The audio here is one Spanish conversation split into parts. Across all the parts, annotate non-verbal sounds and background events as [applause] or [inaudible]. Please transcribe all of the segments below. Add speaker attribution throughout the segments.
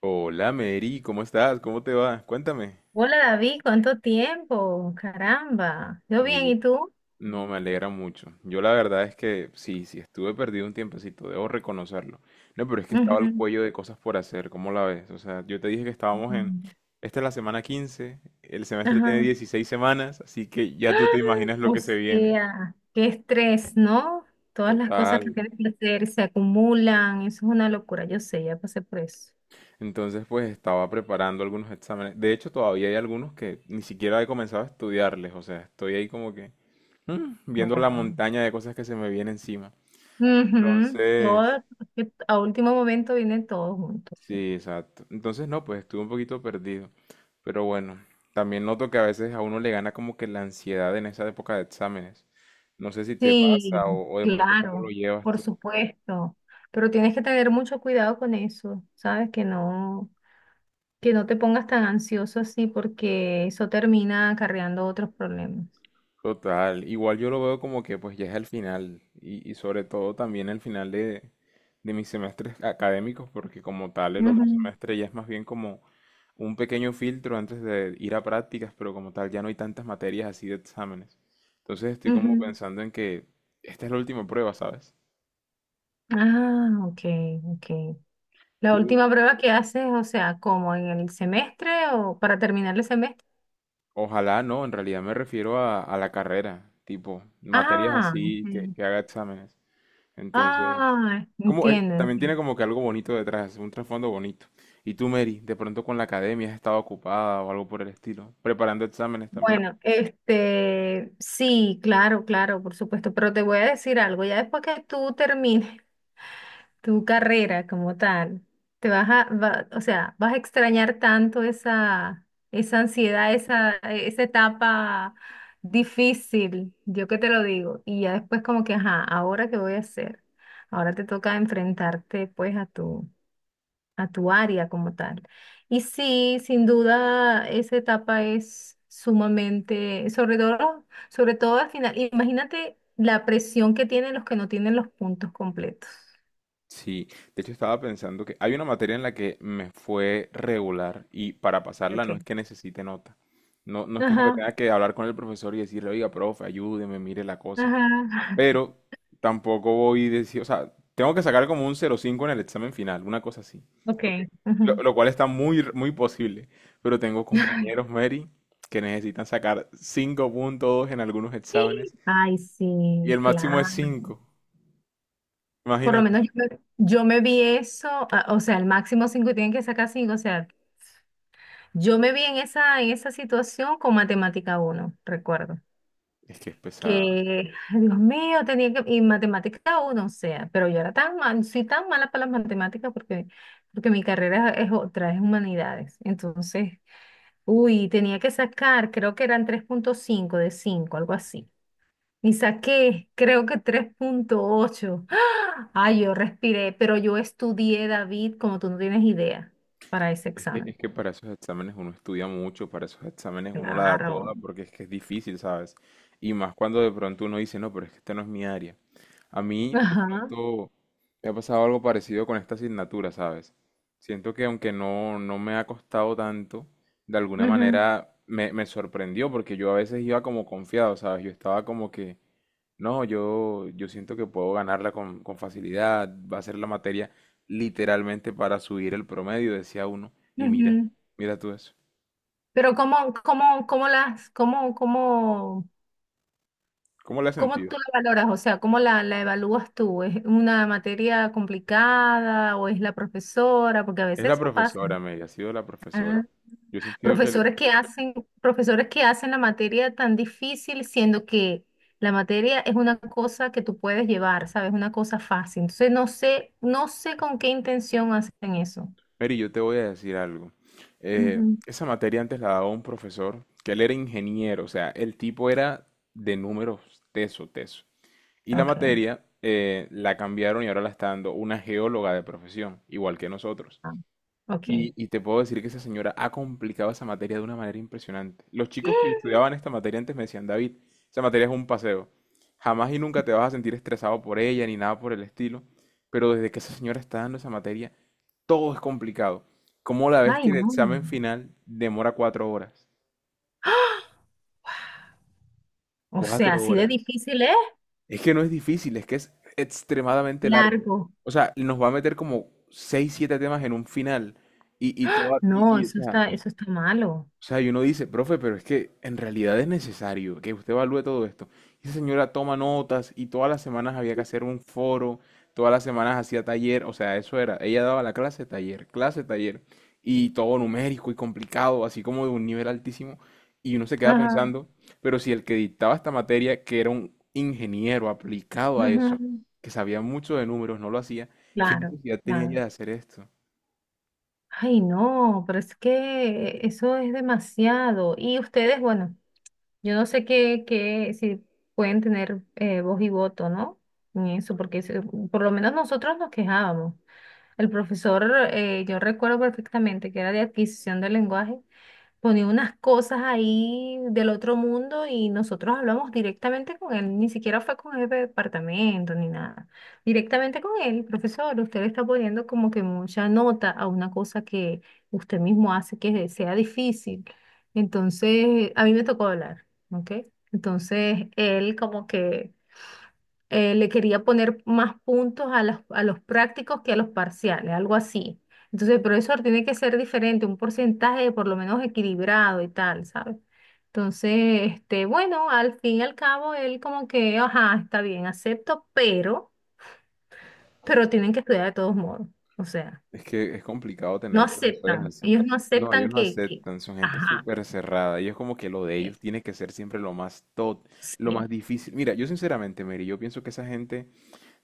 Speaker 1: Hola Mary, ¿cómo estás? ¿Cómo te va? Cuéntame.
Speaker 2: Hola David, ¿cuánto tiempo? Caramba, yo bien,
Speaker 1: Oye,
Speaker 2: ¿y tú?
Speaker 1: no me alegra mucho. Yo la verdad es que sí, sí, estuve perdido un tiempecito, debo reconocerlo. No, pero es que estaba al
Speaker 2: Ujú.
Speaker 1: cuello de cosas por hacer, ¿cómo la ves? O sea, yo te dije que estábamos en.
Speaker 2: Ujú.
Speaker 1: Esta es la semana 15, el semestre tiene
Speaker 2: Ajá.
Speaker 1: 16 semanas, así que ya tú te imaginas lo
Speaker 2: O
Speaker 1: que se viene.
Speaker 2: sea, qué estrés, ¿no? Todas las cosas
Speaker 1: Total.
Speaker 2: que tienes que hacer se acumulan, eso es una locura, yo sé, ya pasé por eso.
Speaker 1: Entonces, pues estaba preparando algunos exámenes. De hecho, todavía hay algunos que ni siquiera he comenzado a estudiarles, o sea, estoy ahí como que. Viendo la
Speaker 2: Wow.
Speaker 1: montaña de cosas que se me viene encima.
Speaker 2: Ujú,
Speaker 1: Entonces,
Speaker 2: todo, que a último momento viene todo junto, o sea.
Speaker 1: sí, exacto. Entonces, no, pues estuve un poquito perdido. Pero bueno, también noto que a veces a uno le gana como que la ansiedad en esa época de exámenes. No sé si te
Speaker 2: Sí,
Speaker 1: pasa o de pronto cómo lo
Speaker 2: claro,
Speaker 1: llevas
Speaker 2: por
Speaker 1: tú.
Speaker 2: supuesto, pero tienes que tener mucho cuidado con eso, ¿sabes? Que no, que no te pongas tan ansioso así porque eso termina acarreando otros problemas.
Speaker 1: Total, igual yo lo veo como que pues ya es el final y sobre todo también el final de mis semestres académicos porque como tal el otro
Speaker 2: Ujú,
Speaker 1: semestre ya es más bien como un pequeño filtro antes de ir a prácticas, pero como tal ya no hay tantas materias así de exámenes. Entonces estoy como
Speaker 2: ujú.
Speaker 1: pensando en que esta es la última prueba, ¿sabes?
Speaker 2: Ah, ok, ok. La
Speaker 1: Tú,
Speaker 2: última prueba que haces, o sea, como en el semestre o para terminar el semestre.
Speaker 1: ojalá no, en realidad me refiero a la carrera, tipo, materias
Speaker 2: Ah,
Speaker 1: así que,
Speaker 2: ok.
Speaker 1: que haga exámenes. Entonces,
Speaker 2: Ah,
Speaker 1: como,
Speaker 2: entiendo,
Speaker 1: también
Speaker 2: entiendo.
Speaker 1: tiene como que algo bonito detrás, un trasfondo bonito. Y tú, Mary, de pronto con la academia has estado ocupada o algo por el estilo, preparando exámenes también.
Speaker 2: Bueno, este, sí, claro, claro, por supuesto, pero te voy a decir algo, ya después que tú termines tu carrera como tal, te vas a, o sea, vas a extrañar tanto esa, esa ansiedad, esa etapa difícil, yo que te lo digo, y ya después como que, ajá, ¿ahora qué voy a hacer? Ahora te toca enfrentarte pues a tu área como tal. Y sí, sin duda, esa etapa es sumamente, sobre todo al final, imagínate la presión que tienen los que no tienen los puntos completos.
Speaker 1: Sí, de hecho estaba pensando que hay una materia en la que me fue regular y para pasarla no es que necesite nota. No, no es como que
Speaker 2: Ajá,
Speaker 1: tenga que hablar con el profesor y decirle, oiga, profe, ayúdeme, mire la cosa.
Speaker 2: ajá. [laughs]
Speaker 1: Pero tampoco voy a decir, o sea, tengo que sacar como un 0,5 en el examen final, una cosa así. Ok.
Speaker 2: Ok.
Speaker 1: Lo,
Speaker 2: Ujú.
Speaker 1: lo cual está muy posible. Pero tengo compañeros, Mary, que necesitan sacar 5,2 en algunos exámenes
Speaker 2: Ay,
Speaker 1: y
Speaker 2: sí,
Speaker 1: el máximo es
Speaker 2: claro.
Speaker 1: cinco.
Speaker 2: Por lo
Speaker 1: Imagínate.
Speaker 2: menos yo me vi eso, ah, o sea, el máximo cinco, tienen que sacar cinco, o sea, yo me vi en esa situación con matemática uno, recuerdo.
Speaker 1: Es que es pesado.
Speaker 2: Que, ay, Dios mío, tenía que, y matemática uno, o sea, pero yo era tan mal, soy tan mala para las matemáticas porque, porque mi carrera es otra, es humanidades. Entonces, uy, tenía que sacar, creo que eran tres punto cinco de cinco, algo así. Y saqué, creo que tres punto ocho. [gasps] ¡Ah! Ay, yo respiré, pero yo estudié, David, como tú no tienes idea, para ese
Speaker 1: Es que, es
Speaker 2: examen.
Speaker 1: que para esos exámenes uno estudia mucho, para esos exámenes uno la da toda
Speaker 2: Claro.
Speaker 1: porque es que es difícil, ¿sabes? Y más cuando de pronto uno dice, no, pero es que este no es mi área. A mí de
Speaker 2: Ajá.
Speaker 1: pronto me ha pasado algo parecido con esta asignatura, ¿sabes? Siento que aunque no me ha costado tanto, de alguna
Speaker 2: Ujú,
Speaker 1: manera me sorprendió porque yo a veces iba como confiado, ¿sabes? Yo estaba como que, no, yo siento que puedo ganarla con facilidad. Va a ser la materia literalmente para subir el promedio, decía uno. Y mira,
Speaker 2: ujú.
Speaker 1: mira tú eso.
Speaker 2: Pero ¿cómo, cómo, cómo las, cómo, cómo,
Speaker 1: ¿Cómo le has
Speaker 2: cómo
Speaker 1: sentido?
Speaker 2: tú la valoras? O sea, ¿cómo la, la evalúas tú? ¿Es una materia complicada o es la profesora? Porque a
Speaker 1: Es
Speaker 2: veces
Speaker 1: la
Speaker 2: eso pasa.
Speaker 1: profesora, Mary, ha sido la
Speaker 2: Ah.
Speaker 1: profesora. Yo he sentido que.
Speaker 2: Profesores que hacen, profesores que hacen la materia tan difícil, siendo que la materia es una cosa que tú puedes llevar, ¿sabes? Una cosa fácil. Entonces no sé, no sé con qué intención hacen eso.
Speaker 1: Mary, yo te voy a decir algo. Eh,
Speaker 2: Ujú.
Speaker 1: esa materia antes la daba un profesor, que él era ingeniero, o sea, el tipo era de números teso, teso. Y la
Speaker 2: Ok.
Speaker 1: materia la cambiaron y ahora la está dando una geóloga de profesión, igual que nosotros.
Speaker 2: Ah, ok.
Speaker 1: Y te puedo decir que esa señora ha complicado esa materia de una manera impresionante. Los chicos que
Speaker 2: [gasps]
Speaker 1: estudiaban esta materia antes me decían, David, esa materia es un paseo. Jamás y nunca te vas a sentir estresado por ella ni nada por el estilo. Pero desde que esa señora está dando esa materia, todo es complicado. ¿Como la vez que
Speaker 2: Ay,
Speaker 1: el
Speaker 2: no.
Speaker 1: examen final demora 4 horas?
Speaker 2: O sea,
Speaker 1: Cuatro
Speaker 2: así de
Speaker 1: horas.
Speaker 2: difícil es.
Speaker 1: Es que no es difícil, es que es extremadamente largo.
Speaker 2: Largo.
Speaker 1: O sea, nos va a meter como seis, siete temas en un final. Y, y, toda- y,
Speaker 2: No,
Speaker 1: y, o sea,
Speaker 2: eso está malo.
Speaker 1: O sea, y uno dice, profe, pero es que en realidad es necesario que usted evalúe todo esto. Y esa señora toma notas y todas las semanas había que hacer un foro, todas las semanas hacía taller, o sea, eso era, ella daba la clase, taller, y todo numérico y complicado, así como de un nivel altísimo. Y uno se queda
Speaker 2: Ajá.
Speaker 1: pensando, pero si el que dictaba esta materia, que era un ingeniero aplicado a eso,
Speaker 2: Ujú.
Speaker 1: que sabía mucho de números, no lo hacía, ¿qué
Speaker 2: Claro,
Speaker 1: necesidad tenía ella
Speaker 2: claro.
Speaker 1: de hacer esto?
Speaker 2: Ay, no, pero es que eso es demasiado. Y ustedes, bueno. Yo no sé qué, qué, si pueden tener voz y voto, ¿no? En eso, porque por lo menos nosotros nos quejábamos. El profesor, yo recuerdo perfectamente que era de adquisición del lenguaje, ponía unas cosas ahí del otro mundo y nosotros hablamos directamente con él, ni siquiera fue con el jefe de departamento ni nada, directamente con él, profesor, usted le está poniendo como que mucha nota a una cosa que usted mismo hace que sea difícil. Entonces, a mí me tocó hablar, ¿ok? Entonces, él como que le quería poner más puntos a los prácticos que a los parciales, algo así. Entonces, el profesor tiene que ser diferente, un porcentaje por lo menos equilibrado y tal, ¿sabes? Entonces, este, bueno, al fin y al cabo, él como que, ajá, está bien, acepto, pero tienen que estudiar de todos modos. O sea,
Speaker 1: Es que es complicado
Speaker 2: no
Speaker 1: tener profesores
Speaker 2: aceptan,
Speaker 1: así.
Speaker 2: ellos no
Speaker 1: No,
Speaker 2: aceptan
Speaker 1: ellos no
Speaker 2: que,
Speaker 1: aceptan, son gente
Speaker 2: ajá,
Speaker 1: súper cerrada. Ellos como que lo de ellos
Speaker 2: eso,
Speaker 1: tiene que ser siempre lo más top, lo
Speaker 2: sí,
Speaker 1: más difícil. Mira, yo sinceramente, Mary, yo pienso que esa gente,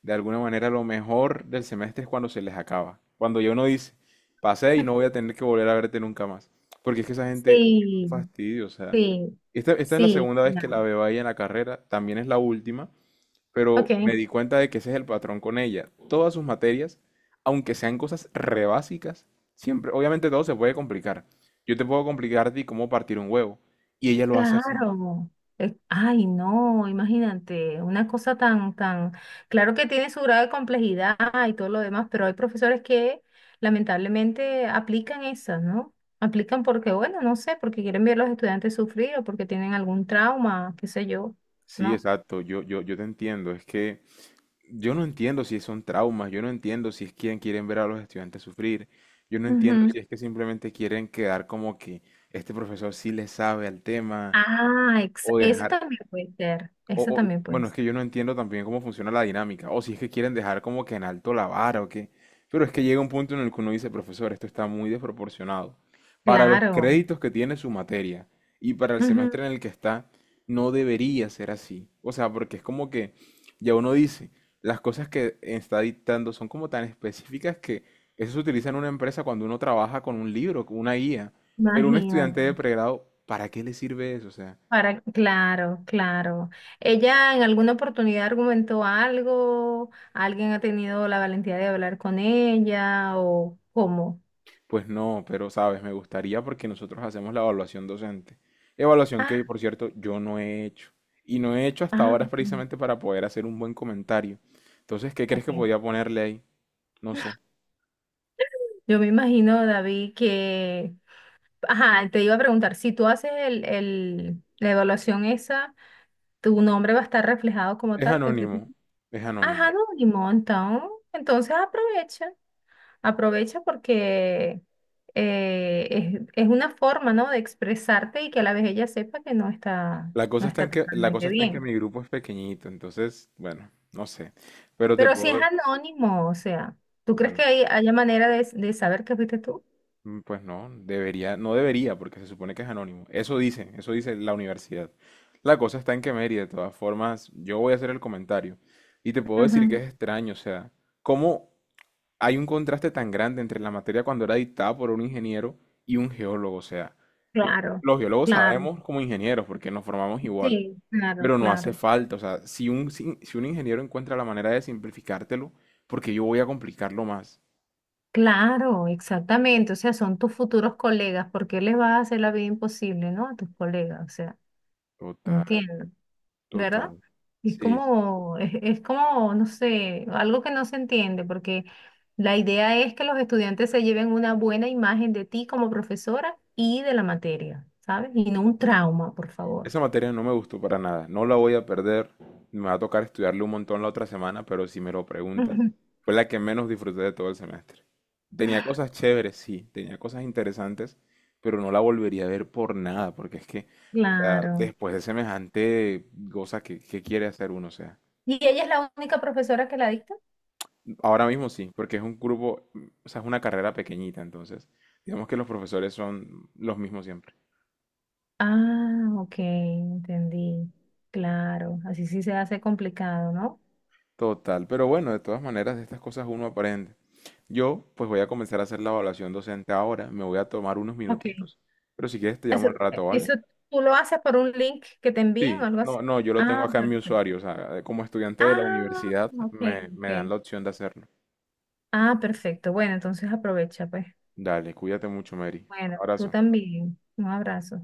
Speaker 1: de alguna manera, lo mejor del semestre es cuando se les acaba. Cuando yo no dice, pasé y no
Speaker 2: [laughs]
Speaker 1: voy a tener que volver a verte nunca más. Porque es que esa gente es un
Speaker 2: sí,
Speaker 1: fastidio, o sea.
Speaker 2: sí,
Speaker 1: Esta es la
Speaker 2: sí,
Speaker 1: segunda vez que
Speaker 2: claro.
Speaker 1: la veo ahí en la carrera, también es la última, pero
Speaker 2: Ok.
Speaker 1: me di cuenta de que ese es el patrón con ella. Todas sus materias, aunque sean cosas re básicas, siempre, obviamente todo se puede complicar. Yo te puedo complicar a ti cómo partir un huevo, y ella lo hace así.
Speaker 2: Claro. Ay, no, imagínate, una cosa tan, tan, claro que tiene su grado de complejidad y todo lo demás, pero hay profesores que lamentablemente aplican esas, ¿no? Aplican porque, bueno, no sé, porque quieren ver a los estudiantes sufrir o porque tienen algún trauma, qué sé yo,
Speaker 1: Sí,
Speaker 2: ¿no?
Speaker 1: exacto, yo te entiendo, es que yo no entiendo si son traumas, yo no entiendo si es quien quieren ver a los estudiantes sufrir, yo no entiendo
Speaker 2: Ujú.
Speaker 1: si es que simplemente quieren quedar como que este profesor sí le sabe al tema,
Speaker 2: Ah,
Speaker 1: o
Speaker 2: esa
Speaker 1: dejar,
Speaker 2: también puede ser, esa también puede
Speaker 1: Bueno, es
Speaker 2: ser.
Speaker 1: que yo no entiendo también cómo funciona la dinámica, o si es que quieren dejar como que en alto la vara o qué. Pero es que llega un punto en el que uno dice, profesor, esto está muy desproporcionado. Para los
Speaker 2: Claro.
Speaker 1: créditos que tiene su materia y para el
Speaker 2: Ujú,
Speaker 1: semestre en el que está, no debería ser así. O sea, porque es como que ya uno dice, las cosas que está dictando son como tan específicas que eso se utiliza en una empresa cuando uno trabaja con un libro, con una guía. Pero un
Speaker 2: imagínate.
Speaker 1: estudiante de pregrado, ¿para qué le sirve eso? O sea,
Speaker 2: Para, claro, claro. ¿Ella en alguna oportunidad argumentó algo? ¿Alguien ha tenido la valentía de hablar con ella? ¿O cómo?
Speaker 1: pues no, pero sabes, me gustaría porque nosotros hacemos la evaluación docente. Evaluación que,
Speaker 2: Ah,
Speaker 1: por cierto, yo no he hecho. Y no he hecho hasta
Speaker 2: ah,
Speaker 1: ahora
Speaker 2: mm,
Speaker 1: precisamente para poder hacer un buen comentario. Entonces, ¿qué crees que
Speaker 2: ok.
Speaker 1: podía ponerle ahí? No sé.
Speaker 2: Yo me imagino, David, que... Ajá, te iba a preguntar, si tú haces el, la evaluación esa, ¿tu nombre va a estar reflejado como
Speaker 1: Es
Speaker 2: tal? Que fuiste-
Speaker 1: anónimo. Es
Speaker 2: Ajá,
Speaker 1: anónimo.
Speaker 2: anónimo, entonces, entonces aprovecha. Aprovecha porque es una forma, ¿no? De expresarte y que a la vez ella sepa que no está,
Speaker 1: La
Speaker 2: no
Speaker 1: cosa está
Speaker 2: está
Speaker 1: en que, la cosa
Speaker 2: totalmente
Speaker 1: está en que
Speaker 2: bien.
Speaker 1: mi grupo es pequeñito, entonces, bueno, no sé. Pero te
Speaker 2: Pero si es
Speaker 1: puedo,
Speaker 2: anónimo, o sea, ¿tú crees que
Speaker 1: bueno.
Speaker 2: hay, haya manera de saber que fuiste tú?
Speaker 1: Pues no, debería, no debería, porque se supone que es anónimo. Eso dice la universidad. La cosa está en que Mary, de todas formas, yo voy a hacer el comentario. Y te puedo decir que
Speaker 2: Ujú.
Speaker 1: es extraño, o sea, cómo hay un contraste tan grande entre la materia cuando era dictada por un ingeniero y un geólogo. O sea, yo-
Speaker 2: Claro,
Speaker 1: los geólogos
Speaker 2: claro,
Speaker 1: sabemos como ingenieros, porque nos formamos igual,
Speaker 2: sí, claro,
Speaker 1: pero no hace
Speaker 2: claro.
Speaker 1: falta. O sea, si un ingeniero encuentra la manera de simplificártelo, porque yo voy a complicarlo más.
Speaker 2: Claro, exactamente. O sea, son tus futuros colegas. ¿Por qué les vas a hacer la vida imposible, ¿no? A tus colegas, o sea,
Speaker 1: Total,
Speaker 2: entiendo. ¿Verdad?
Speaker 1: total. Sí, sí.
Speaker 2: Es como, no sé, algo que no se entiende, porque la idea es que los estudiantes se lleven una buena imagen de ti como profesora y de la materia, ¿sabes? Y no un trauma, por favor.
Speaker 1: Esa materia no me gustó para nada, no la voy a perder, me va a tocar estudiarle un montón la otra semana, pero si me lo preguntas,
Speaker 2: Ujú.
Speaker 1: fue la que menos disfruté de todo el semestre. Tenía cosas chéveres, sí, tenía cosas interesantes, pero no la volvería a ver por nada, porque es que, o sea,
Speaker 2: Claro.
Speaker 1: después de semejante cosa qué que quiere hacer uno, o sea,
Speaker 2: ¿Y ella es la única profesora que la dicta?
Speaker 1: ahora mismo sí, porque es un grupo, o sea, es una carrera pequeñita, entonces, digamos que los profesores son los mismos siempre.
Speaker 2: Ah, ok, entendí. Claro, así sí se hace complicado, ¿no?
Speaker 1: Total, pero bueno, de todas maneras, de estas cosas uno aprende. Yo, pues voy a comenzar a hacer la evaluación docente ahora, me voy a tomar unos
Speaker 2: Ok.
Speaker 1: minutitos, pero si quieres te llamo
Speaker 2: Eso,
Speaker 1: al rato, ¿vale?
Speaker 2: eso tú lo haces por un link que te envíen o
Speaker 1: Sí,
Speaker 2: algo así.
Speaker 1: no, no, yo lo tengo
Speaker 2: Ah,
Speaker 1: acá en mi
Speaker 2: perfecto.
Speaker 1: usuario, o sea, como estudiante de la
Speaker 2: Ah,
Speaker 1: universidad
Speaker 2: ok,
Speaker 1: me dan
Speaker 2: ok.
Speaker 1: la opción de hacerlo.
Speaker 2: Ah, perfecto. Bueno, entonces aprovecha, pues.
Speaker 1: Dale, cuídate mucho, Mary.
Speaker 2: Bueno, tú
Speaker 1: Abrazo.
Speaker 2: también. Un abrazo.